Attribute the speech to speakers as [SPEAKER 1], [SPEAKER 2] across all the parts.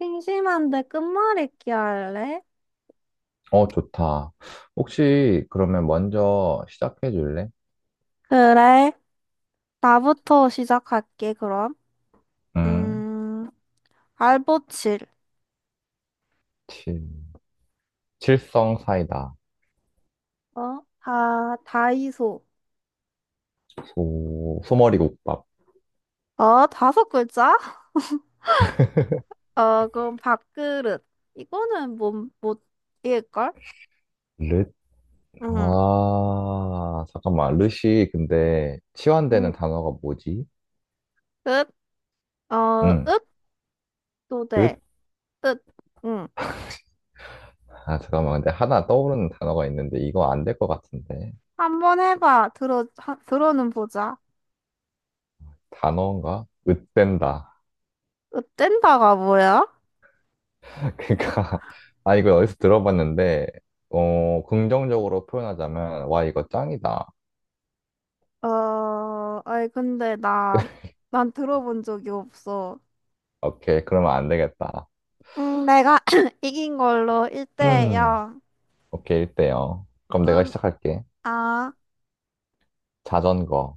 [SPEAKER 1] 심심한데 끝말잇기 할래?
[SPEAKER 2] 어, 좋다. 혹시 그러면 먼저 시작해 줄래?
[SPEAKER 1] 그래. 나부터 시작할게, 그럼.
[SPEAKER 2] 음,
[SPEAKER 1] 음, 알보칠.
[SPEAKER 2] 칠, 칠성 사이다.
[SPEAKER 1] 어? 다이소.
[SPEAKER 2] 소, 소머리국밥.
[SPEAKER 1] 어, 다섯 글자? 어, 그럼 밥그릇. 이거는 못, 못일걸.
[SPEAKER 2] 릇?
[SPEAKER 1] 응.
[SPEAKER 2] 아, 잠깐만. 릇이 근데
[SPEAKER 1] 응,
[SPEAKER 2] 치환되는 단어가 뭐지?
[SPEAKER 1] 읒? 어,
[SPEAKER 2] 응,
[SPEAKER 1] 읒? 도대.
[SPEAKER 2] 릇?
[SPEAKER 1] 읒. 응.
[SPEAKER 2] 아, 잠깐만. 근데 하나 떠오르는 단어가 있는데 이거 안 될 것 같은데.
[SPEAKER 1] 한번 해봐. 들어는 보자.
[SPEAKER 2] 단어인가? 릇된다.
[SPEAKER 1] 읒된다가 뭐야?
[SPEAKER 2] 그러니까, 아, 이거 어디서 들어봤는데, 어, 긍정적으로 표현하자면, 와, 이거 짱이다.
[SPEAKER 1] 아니, 근데 난 들어본 적이 없어.
[SPEAKER 2] 오케이, 그러면 안 되겠다.
[SPEAKER 1] 내가 이긴 걸로 1대
[SPEAKER 2] 음,
[SPEAKER 1] 0.
[SPEAKER 2] 오케이, 1대요. 그럼 내가
[SPEAKER 1] 음.
[SPEAKER 2] 시작할게.
[SPEAKER 1] 아,
[SPEAKER 2] 자전거.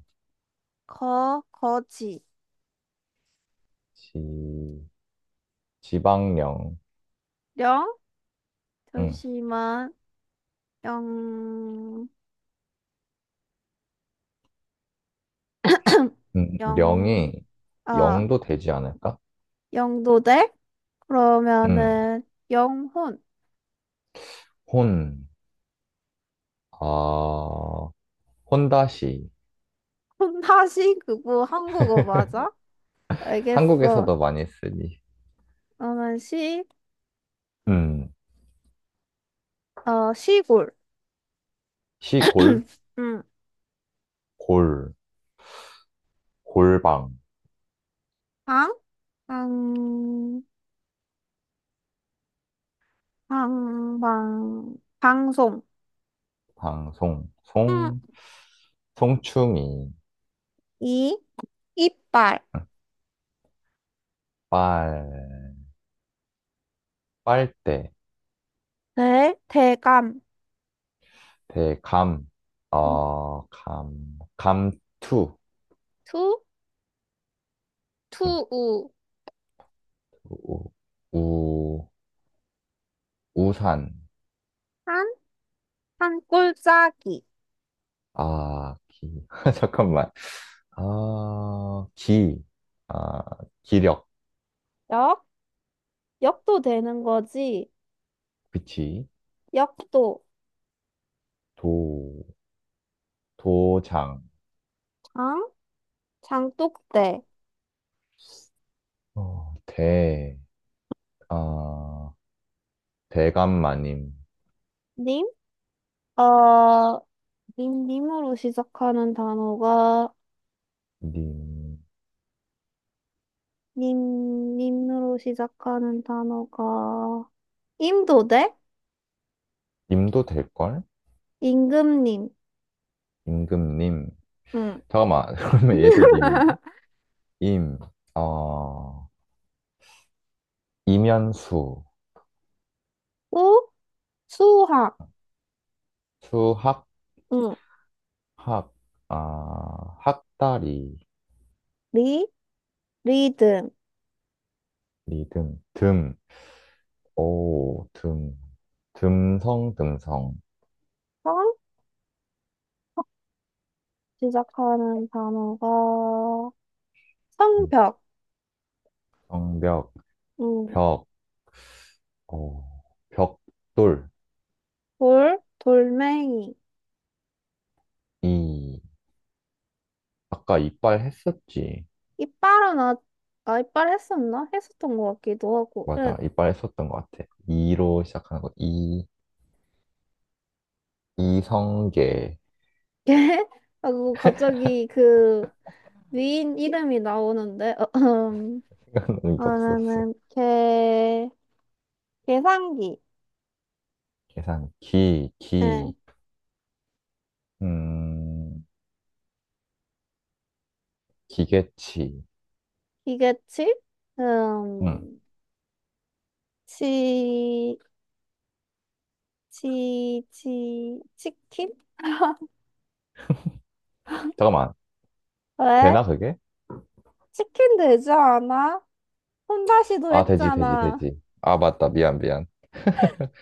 [SPEAKER 1] 거지.
[SPEAKER 2] 지, 지방령.
[SPEAKER 1] 영?
[SPEAKER 2] 음,
[SPEAKER 1] 잠시만. 영, 영,
[SPEAKER 2] 령이
[SPEAKER 1] 아,
[SPEAKER 2] 0도 되지 않을까?
[SPEAKER 1] 영도대?
[SPEAKER 2] 음,
[SPEAKER 1] 그러면은, 영혼.
[SPEAKER 2] 혼. 아, 혼다시.
[SPEAKER 1] 혼다시 그거 한국어 맞아? 알겠어.
[SPEAKER 2] 한국에서도 많이 쓰니.
[SPEAKER 1] 그러면 시,
[SPEAKER 2] 음,
[SPEAKER 1] 어, 시골.
[SPEAKER 2] 시골.
[SPEAKER 1] 응.
[SPEAKER 2] 골. 골방.
[SPEAKER 1] 방? 방, 방송.
[SPEAKER 2] 방송.
[SPEAKER 1] 응.
[SPEAKER 2] 송. 송충이.
[SPEAKER 1] 이, 이빨.
[SPEAKER 2] 음, 빨. 빨대.
[SPEAKER 1] 대감.
[SPEAKER 2] 대감. 어, 감. 감투.
[SPEAKER 1] 투,
[SPEAKER 2] 음,
[SPEAKER 1] 투우.
[SPEAKER 2] 우, 우, 우산.
[SPEAKER 1] 한, 한 꼴짜기.
[SPEAKER 2] 아, 기. 잠깐만. 아, 기. 아, 기력.
[SPEAKER 1] 역, 역도 되는 거지.
[SPEAKER 2] 그치.
[SPEAKER 1] 역도.
[SPEAKER 2] 도, 도장.
[SPEAKER 1] 장, 장독대.
[SPEAKER 2] 어, 대. 아, 대감마님.
[SPEAKER 1] 님, 어, 님으로 시작하는 단어가,
[SPEAKER 2] 님.
[SPEAKER 1] 님으로 시작하는 단어가, 임도대?
[SPEAKER 2] 님도 될걸?
[SPEAKER 1] 임금님.
[SPEAKER 2] 임금님.
[SPEAKER 1] 응.
[SPEAKER 2] 잠깐만. 그러면 얘도 님인데? 임. 어, 이면수.
[SPEAKER 1] 우, 수학.
[SPEAKER 2] 수학.
[SPEAKER 1] 응.
[SPEAKER 2] 학. 아, 학다리.
[SPEAKER 1] 리, 리듬.
[SPEAKER 2] 리듬. 듬. 오, 듬, 듬성, 듬성,
[SPEAKER 1] 선, 시작하는 단어가,
[SPEAKER 2] 음,
[SPEAKER 1] 성벽,
[SPEAKER 2] 성벽,
[SPEAKER 1] 음,
[SPEAKER 2] 벽, 어, 벽돌,
[SPEAKER 1] 돌멩이,
[SPEAKER 2] 이, 아까 이빨 했었지.
[SPEAKER 1] 이빨은 아, 이빨 했었나? 했었던 것 같기도 하고, 응.
[SPEAKER 2] 맞아, 이빨 했었던 것 같아. 이로 시작하는 거, 이, 이성계.
[SPEAKER 1] 걔? 하고 갑자기 그 위인 이름이 나오는데, 음.
[SPEAKER 2] 생각나는 게 없었어.
[SPEAKER 1] 그러면은 계산기,
[SPEAKER 2] 계산, 기,
[SPEAKER 1] 예,
[SPEAKER 2] 기, 음, 기계치.
[SPEAKER 1] 기계치.
[SPEAKER 2] 음,
[SPEAKER 1] 음, 치, 치킨?
[SPEAKER 2] 잠깐만,
[SPEAKER 1] 왜?
[SPEAKER 2] 되나 그게?
[SPEAKER 1] 치킨 되지 않아? 혼다시도
[SPEAKER 2] 아, 되지, 되지,
[SPEAKER 1] 했잖아.
[SPEAKER 2] 되지. 아, 맞다, 미안.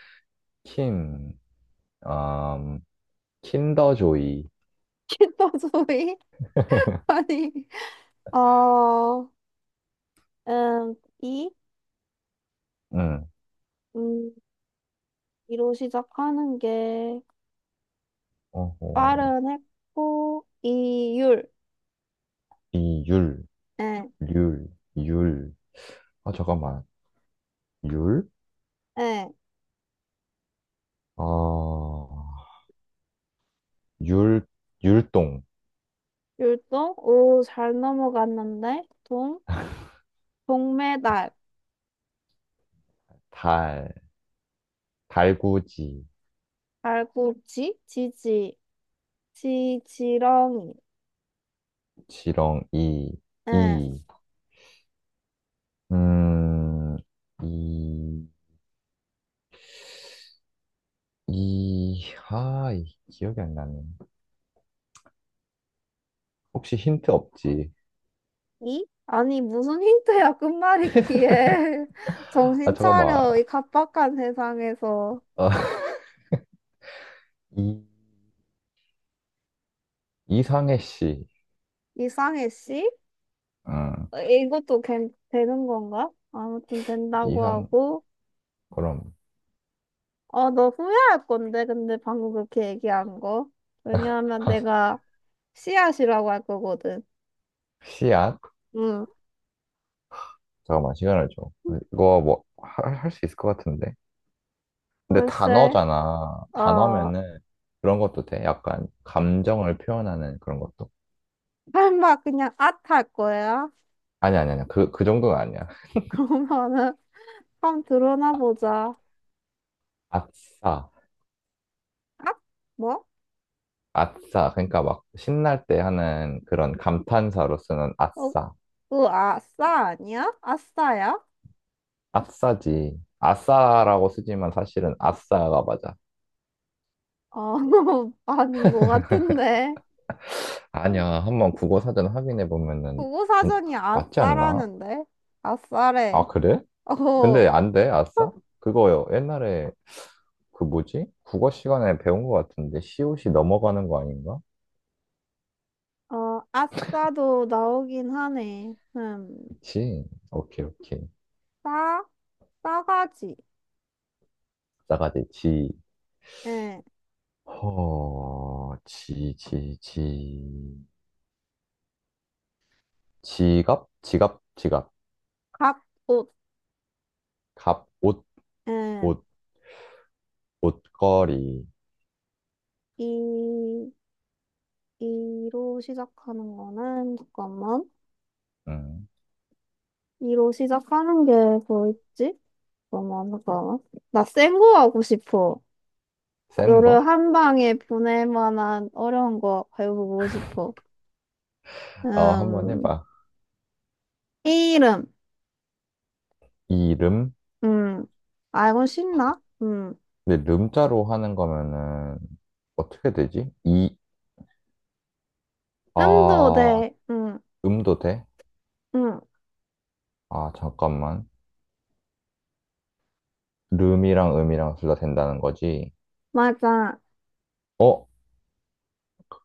[SPEAKER 2] 킨, 음, 킨더조이.
[SPEAKER 1] 키토조이? 아니. 어, 음, 이,
[SPEAKER 2] 응.
[SPEAKER 1] 음, 이로 시작하는 게
[SPEAKER 2] 어허.
[SPEAKER 1] 빠른 했고, 이율,
[SPEAKER 2] 이율,
[SPEAKER 1] 예,
[SPEAKER 2] 률 율. 아, 잠깐만. 율?
[SPEAKER 1] 예,
[SPEAKER 2] 어, 율, 율동.
[SPEAKER 1] 율동. 오, 잘 넘어갔는데, 동메달,
[SPEAKER 2] 달, 달구지.
[SPEAKER 1] 발꿈치, 지렁이,
[SPEAKER 2] 지렁, 이,
[SPEAKER 1] 예,
[SPEAKER 2] 이. 음, 이, 이, 하, 이, 기억이 안 나네. 혹시 힌트 없지?
[SPEAKER 1] 이? 아니, 무슨 힌트야, 끝말잇기에.
[SPEAKER 2] 아,
[SPEAKER 1] 정신
[SPEAKER 2] 잠깐만.
[SPEAKER 1] 차려, 이 각박한 세상에서.
[SPEAKER 2] 어, 이, 이상해 씨.
[SPEAKER 1] 이상해, 씨?
[SPEAKER 2] 응.
[SPEAKER 1] 이것도 되는 건가? 아무튼 된다고
[SPEAKER 2] 이상,
[SPEAKER 1] 하고,
[SPEAKER 2] 그럼.
[SPEAKER 1] 너 후회할 건데, 근데 방금 그렇게 얘기한 거. 왜냐하면 내가 씨앗이라고 할 거거든.
[SPEAKER 2] 씨앗?
[SPEAKER 1] 응.
[SPEAKER 2] 잠깐만, 시간을 줘. 이거 뭐, 할, 할 수 있을 것 같은데? 근데
[SPEAKER 1] 글쎄.
[SPEAKER 2] 단어잖아.
[SPEAKER 1] 어,
[SPEAKER 2] 단어면은 그런 것도 돼. 약간 감정을 표현하는 그런 것도.
[SPEAKER 1] 설마 그냥 앗할 거야?
[SPEAKER 2] 아니. 그, 그 정도는 아니야.
[SPEAKER 1] 그러면은, 한번 들어나 보자.
[SPEAKER 2] 아- 싸
[SPEAKER 1] 앗? 뭐?
[SPEAKER 2] 아싸. 그러니까 막 신날 때 하는 그런 감탄사로 쓰는
[SPEAKER 1] 어,
[SPEAKER 2] 아싸.
[SPEAKER 1] 그 아싸 아니야? 아싸야?
[SPEAKER 2] 아싸지. 아싸라고 쓰지만 사실은 아싸가 맞아.
[SPEAKER 1] 어, 아닌 것 같은데.
[SPEAKER 2] 아니야. 한번 국어 사전 확인해 보면은
[SPEAKER 1] 국어사전이
[SPEAKER 2] 맞지 않나?
[SPEAKER 1] 아싸라는데? 아싸래.
[SPEAKER 2] 아, 그래?
[SPEAKER 1] 어,
[SPEAKER 2] 근데
[SPEAKER 1] 어,
[SPEAKER 2] 안 돼? 아싸? 그거요. 옛날에 그 뭐지? 국어 시간에 배운 것 같은데 시옷이 넘어가는 거 아닌가?
[SPEAKER 1] 아싸도 나오긴 하네.
[SPEAKER 2] 그치? 오케이.
[SPEAKER 1] 싸, 싸가지.
[SPEAKER 2] 나가지 지.
[SPEAKER 1] 예,
[SPEAKER 2] 허, 지. 지갑? 지갑.
[SPEAKER 1] 갑옷.
[SPEAKER 2] 갑, 옷,
[SPEAKER 1] 예,
[SPEAKER 2] 옷, 옷걸이.
[SPEAKER 1] 이, 이로 시작하는 거는, 잠깐만.
[SPEAKER 2] 음,
[SPEAKER 1] 이로 시작하는 게 뭐 있지? 잠깐만, 잠깐만. 나 센 거 하고 싶어.
[SPEAKER 2] 센
[SPEAKER 1] 너를
[SPEAKER 2] 거?
[SPEAKER 1] 한 방에 보낼 만한 어려운 거 배워보고 싶어.
[SPEAKER 2] 어, 한번
[SPEAKER 1] 음,
[SPEAKER 2] 해봐.
[SPEAKER 1] 이름.
[SPEAKER 2] 이름?
[SPEAKER 1] 음, 알고 싶나? 음.
[SPEAKER 2] 근데 름자로 하는 거면은 어떻게 되지? 이,
[SPEAKER 1] 음도
[SPEAKER 2] 아,
[SPEAKER 1] 돼. 음.
[SPEAKER 2] 음도 돼?
[SPEAKER 1] 음.
[SPEAKER 2] 아, 잠깐만. 룸이랑 음이랑 둘 다 된다는 거지.
[SPEAKER 1] 맞아.
[SPEAKER 2] 어?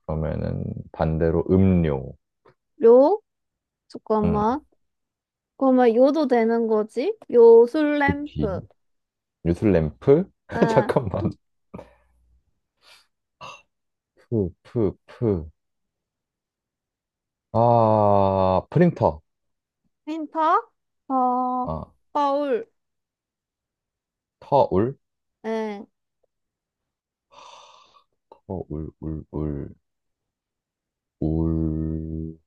[SPEAKER 2] 그러면은 반대로 음료.
[SPEAKER 1] 요?
[SPEAKER 2] 응.
[SPEAKER 1] 잠깐만. 그러면 요도 되는 거지? 요술
[SPEAKER 2] 그치.
[SPEAKER 1] 램프.
[SPEAKER 2] 뉴슬램프?
[SPEAKER 1] 응.
[SPEAKER 2] 잠깐만. 푸. 아, 프린터.
[SPEAKER 1] 힌터? 어,
[SPEAKER 2] 아,
[SPEAKER 1] 거울.
[SPEAKER 2] 터울?
[SPEAKER 1] 응.
[SPEAKER 2] 터울, 울,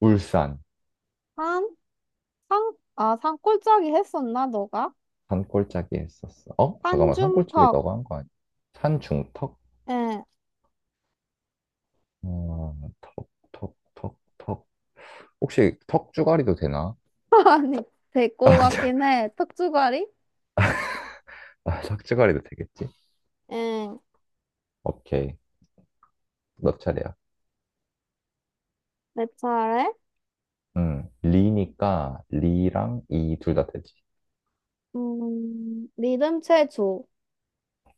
[SPEAKER 2] 울산.
[SPEAKER 1] 산, 산골짜기 했었나, 너가?
[SPEAKER 2] 산골짜기 했었어. 어? 잠깐만, 산골짜기
[SPEAKER 1] 산중턱.
[SPEAKER 2] 너가 한 거 아니야? 산중턱?
[SPEAKER 1] 응.
[SPEAKER 2] 어, 턱. 혹시 턱주가리도 되나?
[SPEAKER 1] 아니, 될거
[SPEAKER 2] 아, 자,
[SPEAKER 1] 같긴 해. 턱주가리?
[SPEAKER 2] 아, 턱주가리도 되겠지?
[SPEAKER 1] 응.
[SPEAKER 2] 오케이. 너 차례야.
[SPEAKER 1] 내 차례?
[SPEAKER 2] 리니까 리랑 이 둘 다 되지.
[SPEAKER 1] 리듬 체조.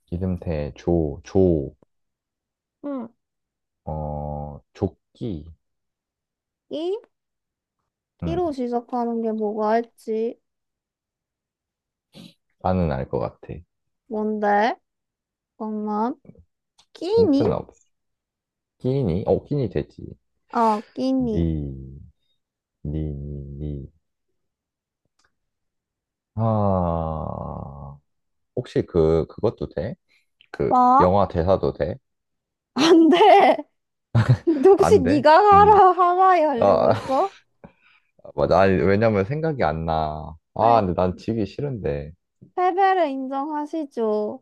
[SPEAKER 2] 기름태 조, 조,
[SPEAKER 1] 응.
[SPEAKER 2] 어, 조끼.
[SPEAKER 1] 끼?
[SPEAKER 2] 음,
[SPEAKER 1] 끼로 시작하는 게 뭐가 있지?
[SPEAKER 2] 나는 알 것 같아.
[SPEAKER 1] 뭔데? 잠깐만. 끼니?
[SPEAKER 2] 힌트는 없어. 끼니? 어, 끼니 되지.
[SPEAKER 1] 끼니.
[SPEAKER 2] 니, 니, 니. 아, 혹시 그, 그것도 돼? 그,
[SPEAKER 1] 뭐?
[SPEAKER 2] 영화 대사도 돼?
[SPEAKER 1] 안 돼. 근데 혹시
[SPEAKER 2] 안 돼?
[SPEAKER 1] 네가
[SPEAKER 2] 니.
[SPEAKER 1] 하라이 하려고
[SPEAKER 2] 아,
[SPEAKER 1] 했어?
[SPEAKER 2] 맞아. 아니, 왜냐면 생각이 안 나.
[SPEAKER 1] 아니,
[SPEAKER 2] 아, 근데 난 지기 싫은데.
[SPEAKER 1] 패배를 인정하시죠.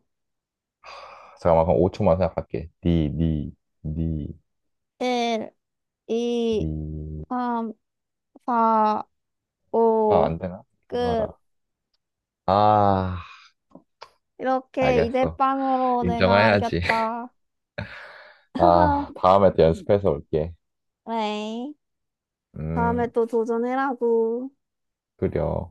[SPEAKER 2] 잠깐만, 그럼 5초만 생각할게. 니,
[SPEAKER 1] 1, 2,
[SPEAKER 2] 니.
[SPEAKER 1] 3, 4,
[SPEAKER 2] 아,
[SPEAKER 1] 5,
[SPEAKER 2] 안 되나? 장어라.
[SPEAKER 1] 끝.
[SPEAKER 2] 아,
[SPEAKER 1] 이렇게
[SPEAKER 2] 알겠어.
[SPEAKER 1] 이대빵으로 내가
[SPEAKER 2] 인정해야지.
[SPEAKER 1] 이겼다.
[SPEAKER 2] 아, 다음에 또 연습해서 올게.
[SPEAKER 1] 그래. 다음에
[SPEAKER 2] 음,
[SPEAKER 1] 또 도전해라고.
[SPEAKER 2] 그려.